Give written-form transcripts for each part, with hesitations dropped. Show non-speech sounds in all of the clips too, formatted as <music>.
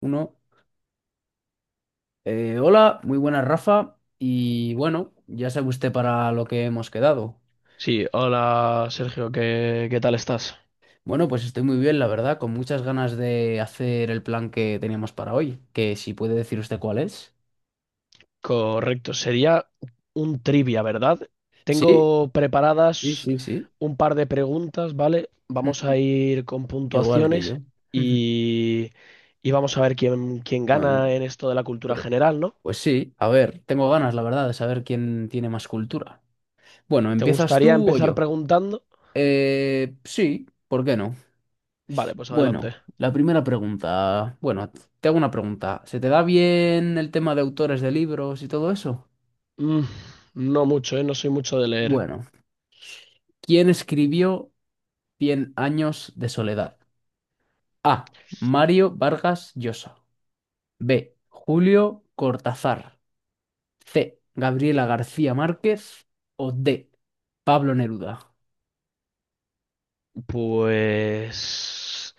Uno. Hola, muy buenas, Rafa. Y bueno, ya sabe usted para lo que hemos quedado. Sí, hola Sergio, ¿qué tal estás? Bueno, pues estoy muy bien, la verdad, con muchas ganas de hacer el plan que teníamos para hoy. Que si puede decir usted cuál es. Correcto, sería un trivia, ¿verdad? Sí, Tengo sí, preparadas sí, sí. un par de preguntas, ¿vale? Vamos a <laughs> ir con Igual que puntuaciones yo. <laughs> y, y vamos a ver quién Bueno, gana en esto de la cultura hombre, general, ¿no? pues sí. A ver, tengo ganas, la verdad, de saber quién tiene más cultura. Bueno, ¿Te ¿empiezas gustaría tú o empezar yo? preguntando? Sí, ¿por qué no? Vale, pues adelante. Bueno, la primera pregunta. Bueno, te hago una pregunta. ¿Se te da bien el tema de autores de libros y todo eso? Mm, no mucho, ¿eh? No soy mucho de leer. Bueno, ¿quién escribió Cien años de soledad? A. Mario Vargas Llosa. B. Julio Cortázar. C. Gabriela García Márquez. O D. Pablo Neruda. Pues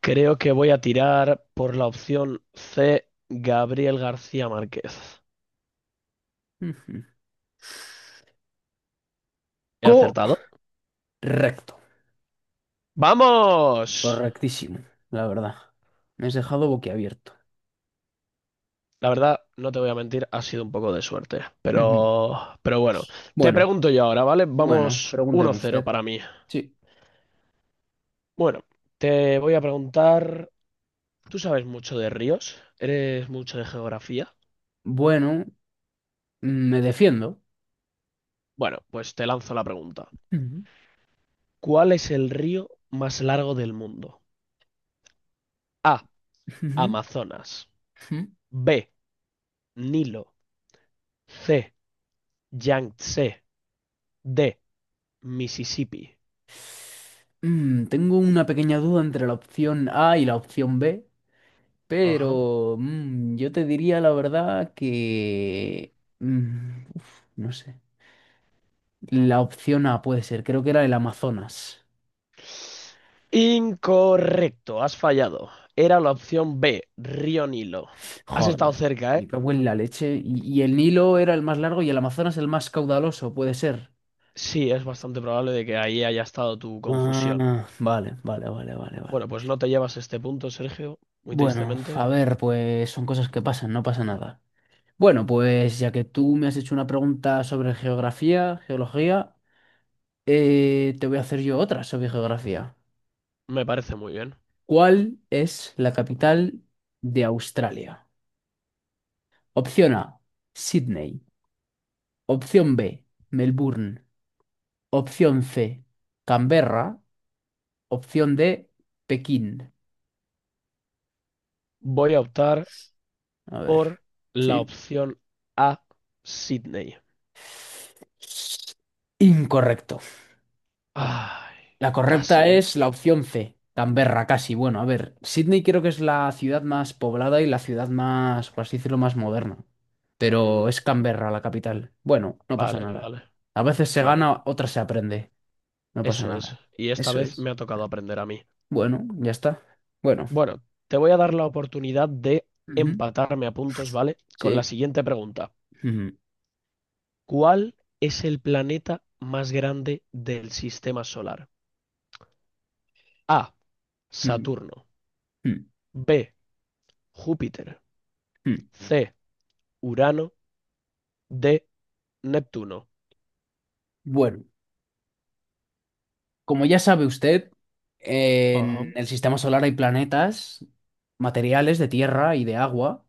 creo que voy a tirar por la opción C, Gabriel García Márquez. Ujú. ¿He acertado? Correcto. ¡Vamos! Correctísimo, la verdad. Me has dejado boquiabierto. La verdad, no te voy a mentir, ha sido un poco de suerte. Ujú. Pero bueno, te Bueno, pregunto yo ahora, ¿vale? bueno, Vamos pregúnteme 1-0 usted. para mí. Sí. Bueno, te voy a preguntar, ¿tú sabes mucho de ríos? ¿Eres mucho de geografía? Bueno, me defiendo. Bueno, pues te lanzo la pregunta. Ujú, ¿Cuál es el río más largo del mundo? A. ujú, Amazonas. ujú. B. Nilo. C. Yangtze de Mississippi. Tengo una pequeña duda entre la opción A y la opción B, Ajá. pero yo te diría la verdad que uf, no sé. La opción A puede ser, creo que era el Amazonas. Incorrecto, has fallado. Era la opción B, Río Nilo. Has estado Joder, cerca, me ¿eh? cago en la leche. Y el Nilo era el más largo y el Amazonas el más caudaloso, puede ser. Sí, es bastante probable de que ahí haya estado tu confusión. Ah, vale, vale, vale, vale, Bueno, vale. pues no te llevas este punto, Sergio, muy Bueno, tristemente. a ver, pues son cosas que pasan, no pasa nada. Bueno, pues ya que tú me has hecho una pregunta sobre geografía, geología, te voy a hacer yo otra sobre geografía. Me parece muy bien. ¿Cuál es la capital de Australia? Opción A, Sydney. Opción B, Melbourne. Opción C, Canberra. Opción D, Pekín. Voy a optar A ver, por la sí. opción A, Sydney. Incorrecto. Ay, La correcta casi, ¿eh? es la opción C, Canberra, casi. Bueno, a ver, Sydney creo que es la ciudad más poblada y la ciudad más, por así decirlo, más moderna. Mm, Pero es Canberra la capital. Bueno, no pasa vale, nada. vale. A veces se Bueno, gana, otras se aprende. No pasa eso es. nada. Y esta Eso vez es. me ha tocado aprender a mí. Bueno, ya está. Bueno. Bueno, te voy a dar la oportunidad de Ujú, empatarme a puntos, ¿vale? Con la sí. siguiente pregunta. Ujú, ¿Cuál es el planeta más grande del sistema solar? A. ujú, Saturno. ujú, B. Júpiter. ujú. C. Urano. D. Neptuno. Bueno, como ya sabe usted, Ajá, en el sistema solar hay planetas, materiales de tierra y de agua,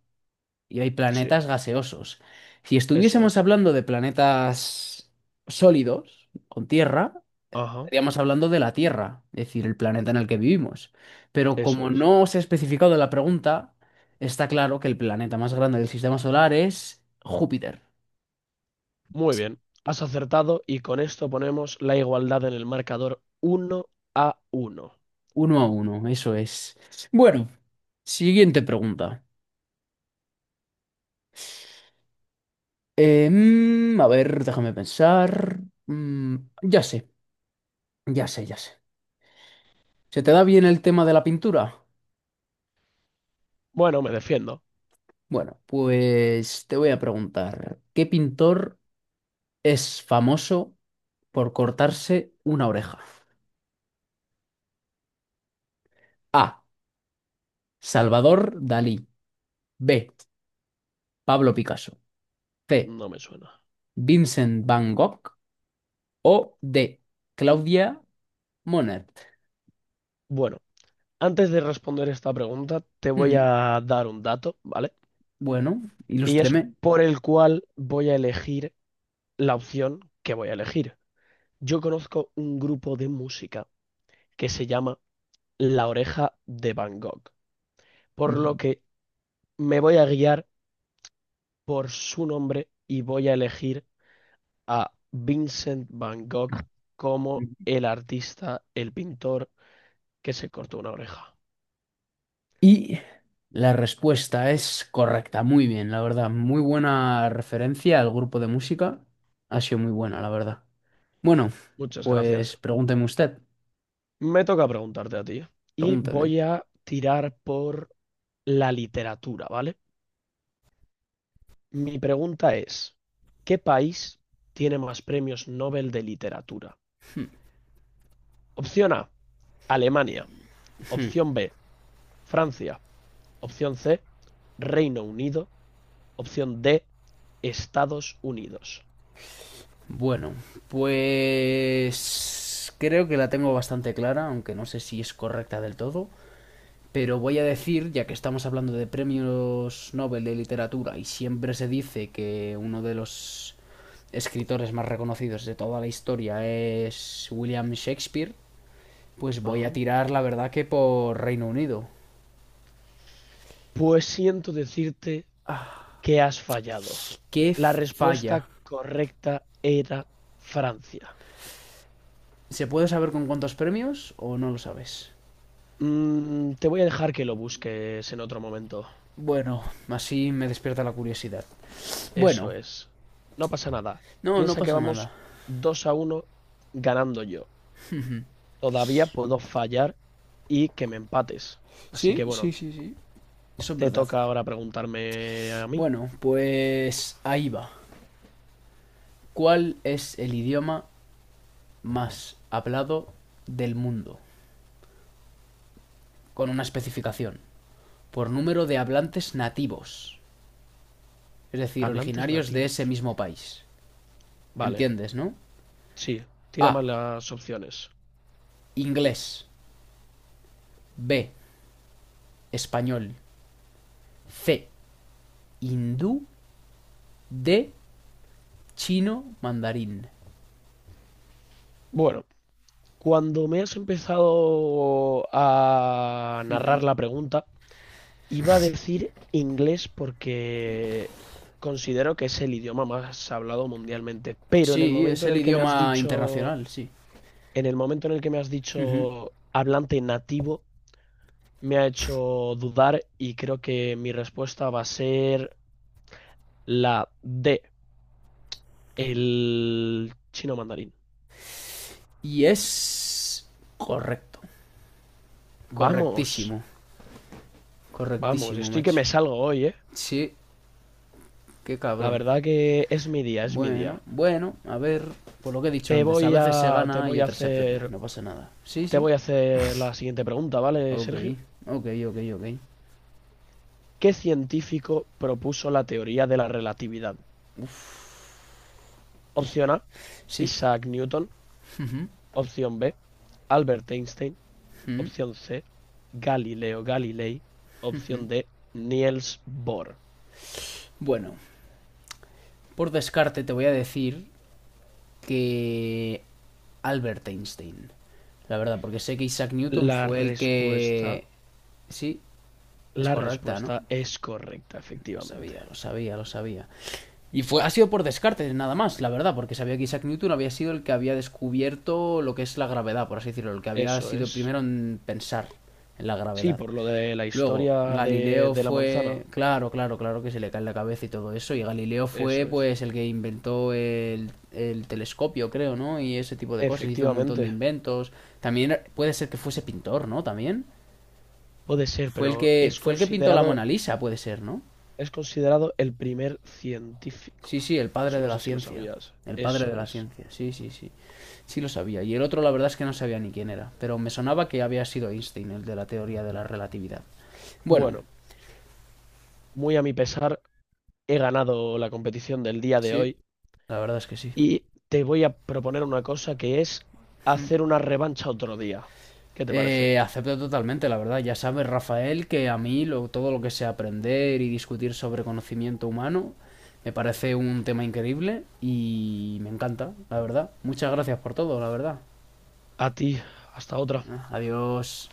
y hay sí, planetas gaseosos. Si eso estuviésemos es. hablando de planetas sólidos, con tierra, Ajá, estaríamos hablando de la Tierra, es decir, el planeta en el que vivimos. Pero eso como es. no se ha especificado en la pregunta, está claro que el planeta más grande del sistema solar es Júpiter. Muy bien, has acertado y con esto ponemos la igualdad en el marcador 1-1. 1-1, eso es. Bueno, siguiente pregunta. A ver, déjame pensar. Mm, ya sé, ya sé, ya sé. ¿Se te da bien el tema de la pintura? Bueno, me defiendo. Bueno, pues te voy a preguntar, ¿qué pintor es famoso por cortarse una oreja? A. Salvador Dalí. B. Pablo Picasso. C. No me suena. Vincent Van Gogh. O D. Claudia Monet. Bueno, antes de responder esta pregunta, te voy Ujú. a dar un dato, ¿vale? Bueno, Y es ilústreme. por el cual voy a elegir la opción que voy a elegir. Yo conozco un grupo de música que se llama La Oreja de Van Gogh, por lo Ujú. que me voy a guiar por su nombre y voy a elegir a Vincent Van Gogh como el artista, el pintor que se cortó una oreja. Y la respuesta es correcta, muy bien, la verdad. Muy buena referencia al grupo de música. Ha sido muy buena, la verdad. Bueno, Muchas pues gracias. pregúnteme usted, Me toca preguntarte a ti y pregúnteme. voy a tirar por la literatura, ¿vale? Mi pregunta es, ¿qué país tiene más premios Nobel de literatura? Opción A, Alemania. Opción B, Francia. Opción C, Reino Unido. Opción D, Estados Unidos. Bueno, pues creo que la tengo bastante clara, aunque no sé si es correcta del todo, pero voy a decir, ya que estamos hablando de premios Nobel de literatura y siempre se dice que uno de los escritores más reconocidos de toda la historia es William Shakespeare, pues voy a Ajá. tirar la verdad que por Reino Unido. Pues siento decirte Ah, que has fallado. qué La falla. respuesta correcta era Francia. ¿Se puede saber con cuántos premios o no lo sabes? Mm, te voy a dejar que lo busques en otro momento. Bueno, así me despierta la curiosidad. Eso Bueno, es. No pasa nada. no, no Piensa que pasa vamos nada. 2-1 ganando yo. Todavía puedo fallar y que me empates. Así Sí, que sí, bueno, sí, sí. Eso es te verdad. toca ahora preguntarme a mí. Bueno, pues ahí va. ¿Cuál es el idioma más hablado del mundo? Con una especificación. Por número de hablantes nativos. Es decir, Hablantes originarios de ese nativos. mismo país. Vale, ¿Entiendes, no? sí, tira A. más las opciones. Inglés. B. Español. C. Hindú. D. Chino mandarín. Bueno, cuando me has empezado a narrar la pregunta, iba a decir inglés porque considero que es el idioma más hablado mundialmente, pero en el Sí, es momento en el el que me has idioma dicho, internacional, sí. en el momento en el que me has Ujú. dicho hablante nativo, me ha hecho dudar y creo que mi respuesta va a ser la D, el chino mandarín. Y es correcto, Vamos, correctísimo, vamos, correctísimo, estoy que macho. me salgo hoy, ¿eh? Sí, qué La cabrón. verdad que es mi día, es mi Bueno, día. bueno, a ver, por lo que he dicho antes, a veces se Te gana y voy a otras se aprende, hacer, no pasa nada. Sí, te sí, voy a hacer la siguiente pregunta, ¿vale, ok, Sergio? ok, ok, ok. ¿Qué científico propuso la teoría de la relatividad? Opción A, Sí, Isaac Newton. Opción B, Albert Einstein. mm. Opción C, Galileo Galilei. Opción D, Niels Bohr. Bueno, por descarte te voy a decir que Albert Einstein, la verdad, porque sé que Isaac Newton La fue el respuesta, que... Sí, es la correcta, ¿no? respuesta es correcta, Lo efectivamente. sabía, lo sabía, lo sabía. Y ha sido por descarte, nada más, la verdad, porque sabía que Isaac Newton había sido el que había descubierto lo que es la gravedad, por así decirlo, el que había Eso sido el es. primero en pensar en la Sí, gravedad. por lo de la Luego, historia de, Galileo de la fue. manzana. Claro, claro, claro que se le cae en la cabeza y todo eso. Y Galileo fue, Eso es. pues, el que inventó el telescopio, creo, ¿no? Y ese tipo de cosas. Hizo un montón de Efectivamente. inventos. También puede ser que fuese pintor, ¿no? También. Puede ser, pero es Fue el que pintó la considerado. Mona Lisa, puede ser, ¿no? Es considerado el primer científico. Sí, sí, el padre Eso de no la sé si lo ciencia. sabías. El padre de Eso la es. ciencia, sí, sí, sí. Sí lo sabía. Y el otro la verdad es que no sabía ni quién era, pero me sonaba que había sido Einstein, el de la teoría de la relatividad. Bueno, Bueno, muy a mi pesar, he ganado la competición del día de sí, hoy la verdad es que sí. y te voy a proponer una cosa que es hacer una revancha otro día. ¿Qué te parece? Acepto totalmente, la verdad. Ya sabes, Rafael, que a mí todo lo que sea aprender y discutir sobre conocimiento humano me parece un tema increíble y me encanta, la verdad. Muchas gracias por todo, la verdad. A ti, hasta otra. Ah, adiós.